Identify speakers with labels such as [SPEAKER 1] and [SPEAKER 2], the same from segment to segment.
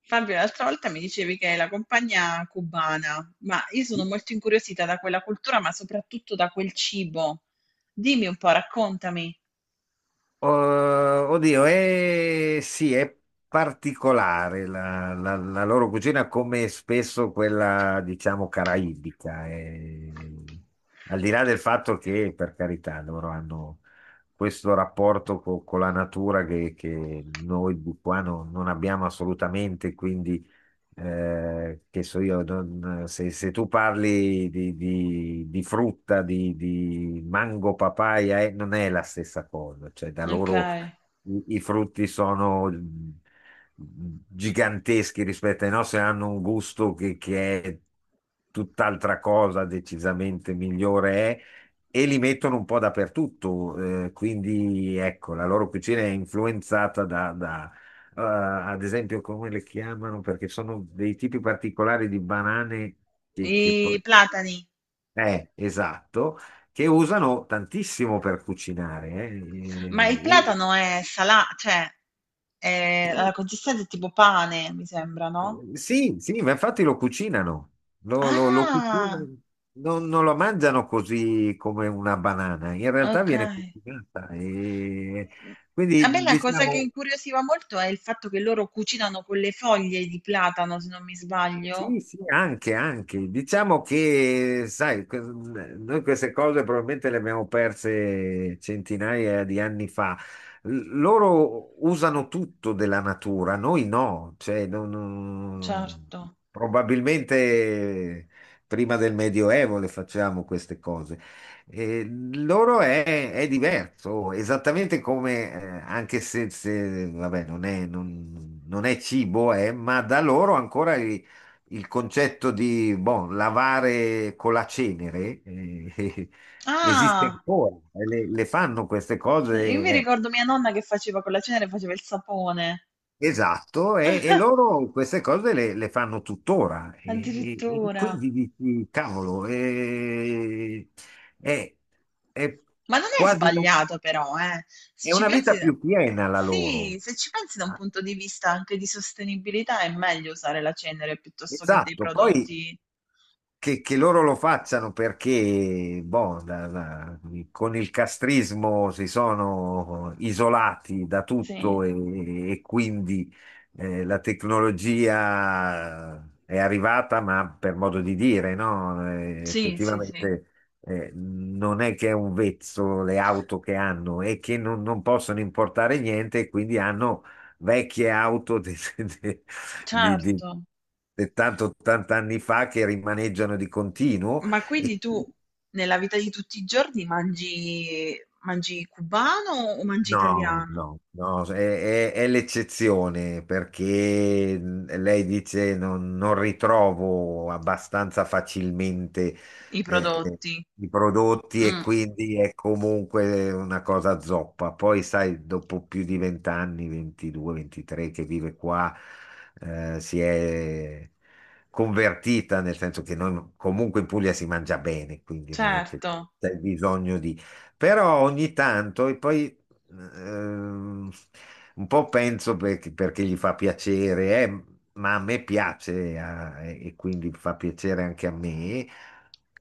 [SPEAKER 1] Fabio, l'altra volta mi dicevi che hai la compagna cubana, ma io sono molto incuriosita da quella cultura, ma soprattutto da quel cibo. Dimmi un po', raccontami.
[SPEAKER 2] Oh, oddio, sì, è particolare la loro cucina, come spesso quella, diciamo, caraibica. E al di là del fatto che, per carità, loro hanno questo rapporto con la natura che noi di qua non abbiamo assolutamente, quindi che so io, se tu parli di, di frutta, di mango, papaya, non è la stessa cosa, cioè da
[SPEAKER 1] Ok.
[SPEAKER 2] loro i frutti sono giganteschi rispetto ai nostri, hanno un gusto che è tutt'altra cosa, decisamente migliore e li mettono un po' dappertutto, quindi ecco, la loro cucina è influenzata da, eh, ad esempio, come le chiamano, perché sono dei tipi particolari di banane che
[SPEAKER 1] I
[SPEAKER 2] poi...
[SPEAKER 1] platani.
[SPEAKER 2] Esatto, che usano tantissimo per cucinare.
[SPEAKER 1] Ma il platano è salato, cioè ha
[SPEAKER 2] E-
[SPEAKER 1] la consistenza è tipo pane, mi sembra, no?
[SPEAKER 2] Sì, sì, ma infatti lo cucinano, lo
[SPEAKER 1] Ah,
[SPEAKER 2] cucinano, non lo mangiano così come una banana, in realtà
[SPEAKER 1] ok.
[SPEAKER 2] viene cucinata. E
[SPEAKER 1] A me
[SPEAKER 2] quindi
[SPEAKER 1] la cosa che
[SPEAKER 2] diciamo,
[SPEAKER 1] incuriosiva molto è il fatto che loro cucinano con le foglie di platano, se non mi sbaglio.
[SPEAKER 2] sì, sì, anche, anche. Diciamo che, sai, noi queste cose probabilmente le abbiamo perse centinaia di anni fa. Loro usano tutto della natura, noi no. Cioè,
[SPEAKER 1] Certo.
[SPEAKER 2] probabilmente prima del Medioevo le facciamo queste cose. E loro è diverso, esattamente come, anche se, vabbè, non è cibo, ma da loro ancora il concetto di boh, lavare con la cenere, esiste
[SPEAKER 1] Ah!
[SPEAKER 2] ancora, e le fanno queste
[SPEAKER 1] Sì, io mi
[SPEAKER 2] cose.
[SPEAKER 1] ricordo mia nonna che faceva colazione e faceva il sapone.
[SPEAKER 2] Eh, esatto. E loro queste cose le fanno tuttora. E
[SPEAKER 1] Addirittura.
[SPEAKER 2] quindi dici, cavolo. Eh, eh, è, è
[SPEAKER 1] Ma non è
[SPEAKER 2] quasi una,
[SPEAKER 1] sbagliato però, eh. Se
[SPEAKER 2] è
[SPEAKER 1] ci
[SPEAKER 2] una
[SPEAKER 1] pensi,
[SPEAKER 2] vita più piena la
[SPEAKER 1] sì,
[SPEAKER 2] loro.
[SPEAKER 1] se ci pensi da un
[SPEAKER 2] Ah,
[SPEAKER 1] punto di vista anche di sostenibilità, è meglio usare la cenere piuttosto che dei
[SPEAKER 2] Esatto, poi
[SPEAKER 1] prodotti.
[SPEAKER 2] che loro lo facciano perché boh, con il castrismo si sono isolati da
[SPEAKER 1] Sì,
[SPEAKER 2] tutto e quindi la tecnologia è arrivata, ma per modo di dire, no?
[SPEAKER 1] sì, sì, sì.
[SPEAKER 2] Effettivamente. Non è che è un vezzo le auto che hanno, è che non possono importare niente e quindi hanno vecchie auto de- di
[SPEAKER 1] Certo.
[SPEAKER 2] 70-80 anni fa che rimaneggiano di continuo.
[SPEAKER 1] Ma quindi
[SPEAKER 2] E
[SPEAKER 1] tu nella vita di tutti i giorni mangi, mangi cubano o mangi
[SPEAKER 2] no,
[SPEAKER 1] italiano?
[SPEAKER 2] no, no, è l'eccezione perché lei dice non ritrovo abbastanza facilmente
[SPEAKER 1] I
[SPEAKER 2] eh, eh,
[SPEAKER 1] prodotti.
[SPEAKER 2] i prodotti e
[SPEAKER 1] Mh,
[SPEAKER 2] quindi è comunque una cosa zoppa. Poi sai, dopo più di 20 anni, 22, 23 che vive qua, si è convertita nel senso che noi comunque in Puglia si mangia bene, quindi non è che
[SPEAKER 1] certo.
[SPEAKER 2] c'è bisogno di... Però ogni tanto, e poi ehm, un po' penso perché gli fa piacere, ma a me piace, e quindi fa piacere anche a me.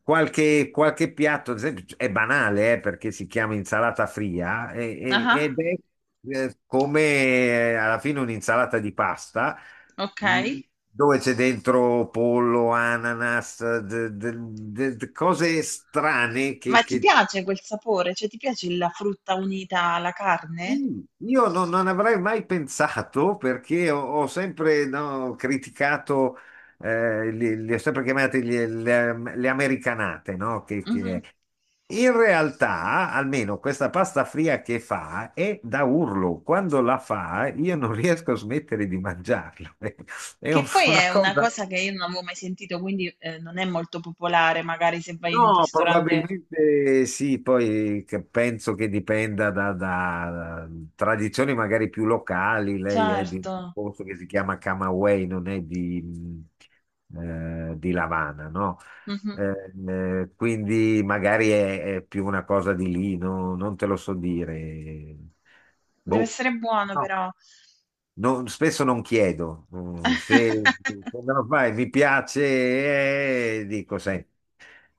[SPEAKER 2] Qualche piatto, ad esempio, è banale, perché si chiama insalata fria, e- e-
[SPEAKER 1] Ah-ah.
[SPEAKER 2] ed è come alla fine un'insalata di pasta, mh,
[SPEAKER 1] Okay.
[SPEAKER 2] dove c'è dentro pollo, ananas, cose strane che,
[SPEAKER 1] Ma ti
[SPEAKER 2] che
[SPEAKER 1] piace quel sapore? Cioè, ti piace la frutta unita alla carne?
[SPEAKER 2] Sì, io non avrei mai pensato perché ho sempre no, criticato, li ho sempre chiamati le americanate, no?
[SPEAKER 1] Mh-mh.
[SPEAKER 2] In realtà, almeno questa pasta fria che fa è da urlo. Quando la fa, io non riesco a smettere di mangiarla. È
[SPEAKER 1] Che poi
[SPEAKER 2] una
[SPEAKER 1] è una
[SPEAKER 2] cosa.
[SPEAKER 1] cosa che io non avevo mai sentito, quindi, non è molto popolare, magari se vai in un
[SPEAKER 2] No,
[SPEAKER 1] ristorante.
[SPEAKER 2] probabilmente sì, poi che penso che dipenda da tradizioni magari più locali. Lei è di un
[SPEAKER 1] Certo.
[SPEAKER 2] posto che si chiama Camagüey, non è di, di La Habana, no?
[SPEAKER 1] Mh-mh.
[SPEAKER 2] Eh, quindi magari è più una cosa di lì, no? Non te lo so dire.
[SPEAKER 1] Deve
[SPEAKER 2] Boh.
[SPEAKER 1] essere buono
[SPEAKER 2] No,
[SPEAKER 1] però.
[SPEAKER 2] spesso non chiedo. Se, se me lo fai, mi piace, dico sempre.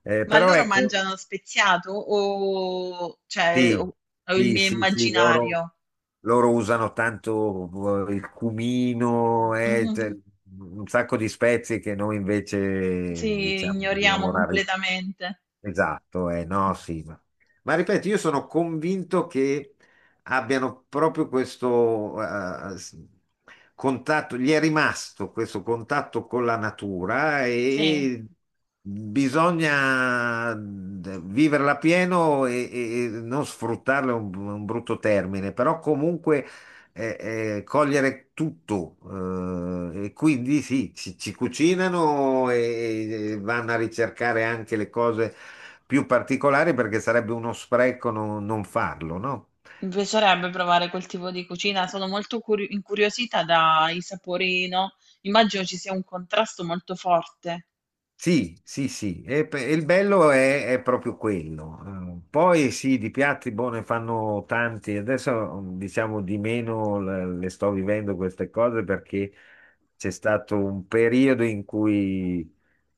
[SPEAKER 1] Ma
[SPEAKER 2] Però
[SPEAKER 1] loro
[SPEAKER 2] ecco,
[SPEAKER 1] mangiano speziato o cioè,
[SPEAKER 2] sì,
[SPEAKER 1] o il
[SPEAKER 2] sì,
[SPEAKER 1] mio
[SPEAKER 2] sì, sì, loro,
[SPEAKER 1] immaginario?
[SPEAKER 2] usano tanto il cumino e
[SPEAKER 1] Mh-mh.
[SPEAKER 2] un sacco di spezie che noi invece
[SPEAKER 1] Sì,
[SPEAKER 2] diciamo
[SPEAKER 1] ignoriamo
[SPEAKER 2] dobbiamo rari.
[SPEAKER 1] completamente.
[SPEAKER 2] Esatto, no, sì, ma ripeto, io sono convinto che abbiano proprio questo contatto, gli è rimasto questo contatto con la natura
[SPEAKER 1] Sì,
[SPEAKER 2] e bisogna viverla pieno e non sfruttarla, è un brutto termine, però comunque eh, cogliere tutto. E quindi sì, ci cucinano e vanno a ricercare anche le cose più particolari perché sarebbe uno spreco non farlo, no?
[SPEAKER 1] mi piacerebbe provare quel tipo di cucina, sono molto incuriosita dai sapori, no? Immagino ci sia un contrasto molto forte.
[SPEAKER 2] Sì, sì, sì, e il bello è proprio quello. Poi sì, di piatti buoni ne fanno tanti, adesso diciamo di meno le sto vivendo queste cose perché c'è stato un periodo in cui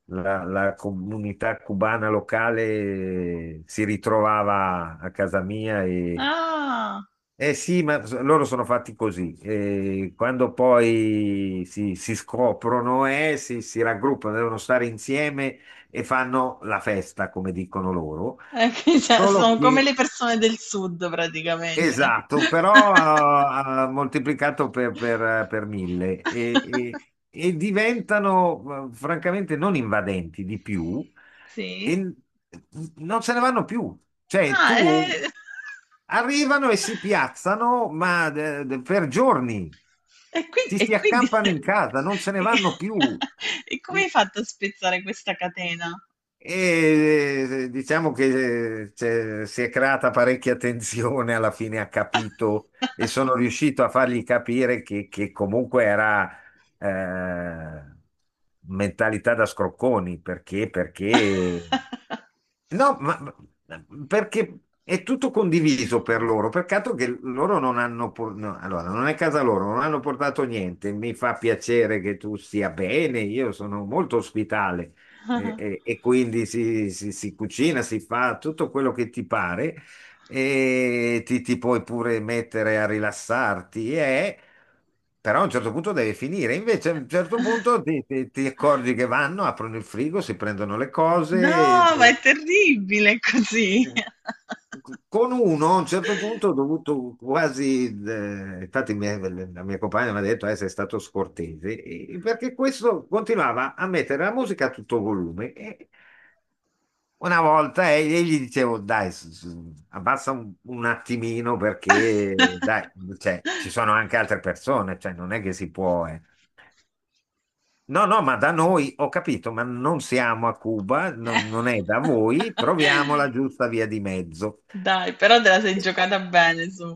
[SPEAKER 2] la comunità cubana locale si ritrovava a casa mia.
[SPEAKER 1] Ah,
[SPEAKER 2] Eh sì, ma loro sono fatti così. Quando poi si scoprono e si raggruppano, devono stare insieme e fanno la festa, come dicono loro.
[SPEAKER 1] ecco, cioè,
[SPEAKER 2] Solo
[SPEAKER 1] sono come
[SPEAKER 2] che
[SPEAKER 1] le persone del sud praticamente.
[SPEAKER 2] esatto, però ha moltiplicato per mille, e, e- e diventano francamente non invadenti di più e
[SPEAKER 1] Sì.
[SPEAKER 2] non se ne vanno più. Cioè,
[SPEAKER 1] Ah,
[SPEAKER 2] tu
[SPEAKER 1] eh.
[SPEAKER 2] arrivano e si piazzano, ma per giorni ti
[SPEAKER 1] E
[SPEAKER 2] si
[SPEAKER 1] quindi
[SPEAKER 2] accampano in casa, non se ne
[SPEAKER 1] e
[SPEAKER 2] vanno più.
[SPEAKER 1] e come hai fatto a spezzare questa catena?
[SPEAKER 2] Diciamo che si è creata parecchia tensione, alla fine ha capito e sono riuscito a fargli capire che, comunque era eh, mentalità da scrocconi. Perché No, ma, perché è tutto condiviso per loro, peccato che loro non hanno, no, allora, non è casa loro, non hanno portato niente, mi fa piacere che tu stia bene, io sono molto ospitale. eh,
[SPEAKER 1] Ah-ah.
[SPEAKER 2] eh, e, quindi si cucina, si fa tutto quello che ti pare e ti puoi pure mettere a rilassarti, però a un certo punto deve finire, invece a un certo punto ti accorgi che vanno, aprono il frigo, si prendono le cose.
[SPEAKER 1] No, ma è terribile così.
[SPEAKER 2] Con uno a un certo punto ho dovuto quasi, infatti la mia compagna mi ha detto, sei stato scortese, perché questo continuava a mettere la musica a tutto volume. E una volta e gli dicevo, dai, abbassa un attimino perché, dai, cioè, ci sono anche altre persone, cioè, non è che si può... No, no, ma da noi ho capito, ma non siamo a Cuba, non è da voi, troviamo la giusta via di mezzo.
[SPEAKER 1] Dai, però te la sei giocata bene su.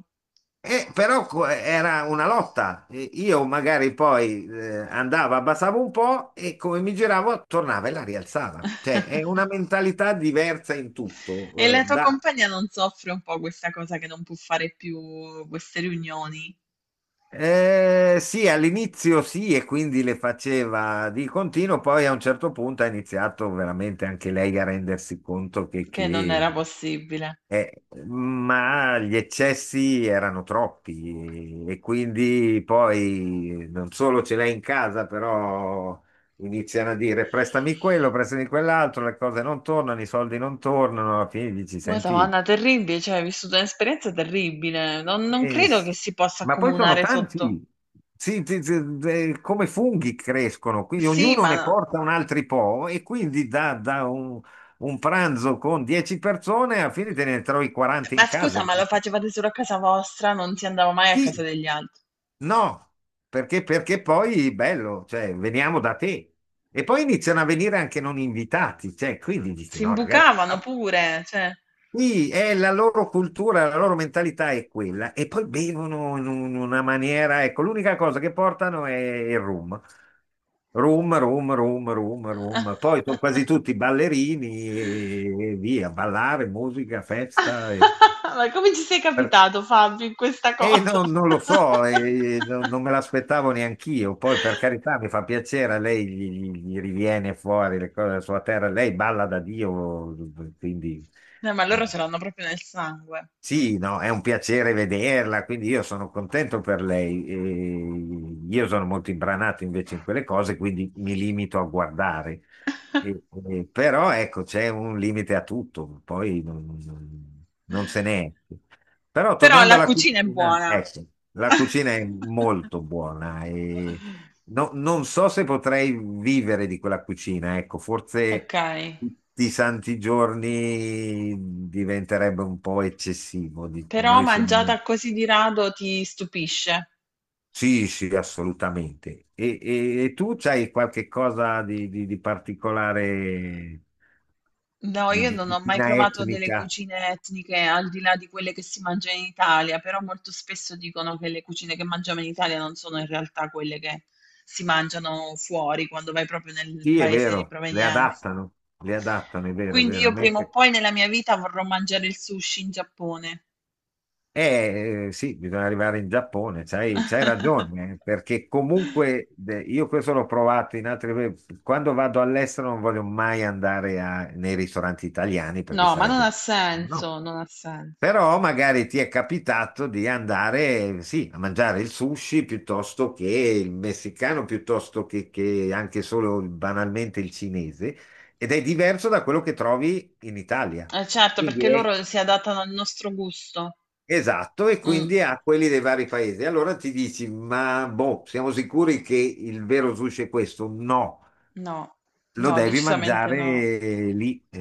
[SPEAKER 2] Però era una lotta. E io magari poi andavo, abbassavo un po' e come mi giravo tornava e la rialzava. Cioè, è una mentalità diversa in
[SPEAKER 1] E
[SPEAKER 2] tutto,
[SPEAKER 1] la tua
[SPEAKER 2] da
[SPEAKER 1] compagna non soffre un po' questa cosa che non può fare più queste riunioni?
[SPEAKER 2] Sì, all'inizio sì, e quindi le faceva di continuo, poi a un certo punto ha iniziato veramente anche lei a rendersi conto che,
[SPEAKER 1] Che non
[SPEAKER 2] che
[SPEAKER 1] era possibile.
[SPEAKER 2] eh, ma gli eccessi erano troppi e quindi poi non solo ce l'hai in casa, però iniziano a dire prestami quello, prestami quell'altro, le cose non tornano, i soldi non tornano, alla fine dici, senti.
[SPEAKER 1] Madonna, terribile, cioè hai vissuto un'esperienza terribile. Non
[SPEAKER 2] Eh,
[SPEAKER 1] credo che
[SPEAKER 2] s-
[SPEAKER 1] si possa
[SPEAKER 2] ma poi sono
[SPEAKER 1] accomunare sotto.
[SPEAKER 2] tanti, sì, sì, sì, come funghi crescono, quindi
[SPEAKER 1] Sì,
[SPEAKER 2] ognuno ne porta un altro po' e quindi da un, pranzo con 10 persone alla fine te ne trovi 40
[SPEAKER 1] ma
[SPEAKER 2] in casa.
[SPEAKER 1] scusa, ma lo facevate solo a casa vostra, non si andava mai a casa
[SPEAKER 2] Sì,
[SPEAKER 1] degli altri.
[SPEAKER 2] no, perché poi bello, cioè veniamo da te. E poi iniziano a venire anche non invitati, cioè, quindi dici
[SPEAKER 1] Si
[SPEAKER 2] no ragazzi,
[SPEAKER 1] imbucavano
[SPEAKER 2] no,
[SPEAKER 1] pure, cioè.
[SPEAKER 2] sì, è la loro cultura, la loro mentalità è quella e poi bevono in una maniera, ecco, l'unica cosa che portano è il rum. Rum, rum, rum, rum, rum. Poi sono quasi tutti ballerini e via, ballare, musica, festa.
[SPEAKER 1] Ma come ci sei
[SPEAKER 2] Per-
[SPEAKER 1] capitato, Fabio, in questa
[SPEAKER 2] e
[SPEAKER 1] cosa?
[SPEAKER 2] non lo so, e non me l'aspettavo neanch'io. Poi per carità mi fa piacere, a lei gli riviene fuori le cose della sua terra, lei balla da Dio, quindi...
[SPEAKER 1] No, ma
[SPEAKER 2] eh.
[SPEAKER 1] loro ce l'hanno proprio nel sangue.
[SPEAKER 2] Sì, no, è un piacere vederla, quindi io sono contento per lei. E io sono molto imbranato invece in quelle cose, quindi mi limito a guardare. E- Però ecco, c'è un limite a tutto, poi non se n'è. Però
[SPEAKER 1] Però
[SPEAKER 2] tornando
[SPEAKER 1] la
[SPEAKER 2] alla
[SPEAKER 1] cucina è
[SPEAKER 2] cucina,
[SPEAKER 1] buona.
[SPEAKER 2] ecco, la cucina è molto buona e non so se potrei vivere di quella cucina, ecco, forse
[SPEAKER 1] Ok,
[SPEAKER 2] tutti i santi giorni diventerebbe un po' eccessivo.
[SPEAKER 1] però
[SPEAKER 2] Noi siamo...
[SPEAKER 1] mangiata così di rado ti stupisce.
[SPEAKER 2] Sì, sì, assolutamente. E tu c'hai qualche cosa di, di particolare,
[SPEAKER 1] No,
[SPEAKER 2] di,
[SPEAKER 1] io
[SPEAKER 2] di
[SPEAKER 1] non ho mai
[SPEAKER 2] cucina
[SPEAKER 1] provato delle
[SPEAKER 2] etnica?
[SPEAKER 1] cucine etniche al di là di quelle che si mangiano in Italia, però molto spesso dicono che le cucine che mangiamo in Italia non sono in realtà quelle che si mangiano fuori quando vai proprio nel
[SPEAKER 2] Sì, è
[SPEAKER 1] paese di
[SPEAKER 2] vero,
[SPEAKER 1] provenienza.
[SPEAKER 2] le adattano, è vero, è
[SPEAKER 1] Quindi
[SPEAKER 2] vero. A
[SPEAKER 1] io
[SPEAKER 2] me
[SPEAKER 1] prima o poi nella mia vita vorrò mangiare il sushi in Giappone.
[SPEAKER 2] Sì, bisogna arrivare in Giappone, c'hai ragione, perché comunque io questo l'ho provato in altri... Quando vado all'estero non voglio mai andare nei ristoranti italiani perché
[SPEAKER 1] No, ma non ha
[SPEAKER 2] sarebbe... No.
[SPEAKER 1] senso, non ha senso.
[SPEAKER 2] Però magari ti è capitato di andare, sì, a mangiare il sushi piuttosto che il messicano, piuttosto che anche solo banalmente il cinese, ed è diverso da quello che trovi in Italia.
[SPEAKER 1] Certo,
[SPEAKER 2] Quindi
[SPEAKER 1] perché
[SPEAKER 2] è
[SPEAKER 1] loro si adattano al nostro gusto.
[SPEAKER 2] Esatto, e
[SPEAKER 1] Mm,
[SPEAKER 2] quindi a quelli dei vari paesi. Allora ti dici, ma boh, siamo sicuri che il vero sushi è questo? No,
[SPEAKER 1] no,
[SPEAKER 2] lo
[SPEAKER 1] no,
[SPEAKER 2] devi
[SPEAKER 1] decisamente no.
[SPEAKER 2] mangiare lì,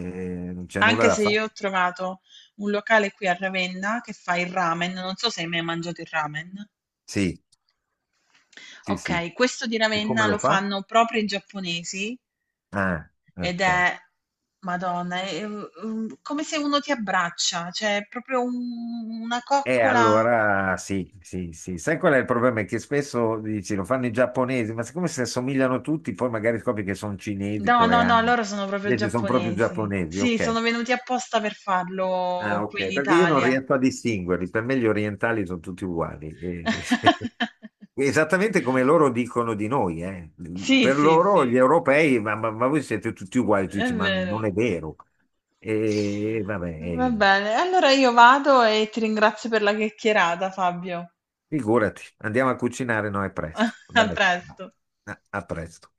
[SPEAKER 2] non c'è nulla
[SPEAKER 1] Anche
[SPEAKER 2] da
[SPEAKER 1] se
[SPEAKER 2] fare.
[SPEAKER 1] io ho trovato un locale qui a Ravenna che fa il ramen, non so se hai mai mangiato il ramen.
[SPEAKER 2] Sì, sì, sì.
[SPEAKER 1] Ok, questo di
[SPEAKER 2] E
[SPEAKER 1] Ravenna
[SPEAKER 2] come lo
[SPEAKER 1] lo
[SPEAKER 2] fa?
[SPEAKER 1] fanno proprio i giapponesi
[SPEAKER 2] Ah,
[SPEAKER 1] ed
[SPEAKER 2] ok.
[SPEAKER 1] è, Madonna, è come se uno ti abbraccia, cioè è proprio una
[SPEAKER 2] E
[SPEAKER 1] coccola.
[SPEAKER 2] allora sì, sì, sì. Sai qual è il problema? È che spesso dici, lo fanno i giapponesi, ma siccome si assomigliano tutti, poi magari scopri che sono cinesi,
[SPEAKER 1] No, no, no,
[SPEAKER 2] coreani,
[SPEAKER 1] loro sono proprio
[SPEAKER 2] invece sono proprio
[SPEAKER 1] giapponesi.
[SPEAKER 2] giapponesi,
[SPEAKER 1] Sì, sono
[SPEAKER 2] ok.
[SPEAKER 1] venuti apposta per
[SPEAKER 2] Ah,
[SPEAKER 1] farlo qui
[SPEAKER 2] ok,
[SPEAKER 1] in
[SPEAKER 2] perché io non
[SPEAKER 1] Italia.
[SPEAKER 2] riesco a distinguerli, per me gli orientali sono tutti uguali. Esattamente come loro dicono di noi, eh.
[SPEAKER 1] Sì,
[SPEAKER 2] Per
[SPEAKER 1] sì,
[SPEAKER 2] loro gli
[SPEAKER 1] sì,
[SPEAKER 2] europei, ma voi siete tutti uguali, tu
[SPEAKER 1] è
[SPEAKER 2] dici, ma
[SPEAKER 1] vero.
[SPEAKER 2] non è vero. E vabbè,
[SPEAKER 1] Va bene, allora io vado e ti ringrazio per la chiacchierata, Fabio.
[SPEAKER 2] figurati, andiamo a cucinare, no, è presto.
[SPEAKER 1] A
[SPEAKER 2] Dai,
[SPEAKER 1] presto.
[SPEAKER 2] a presto.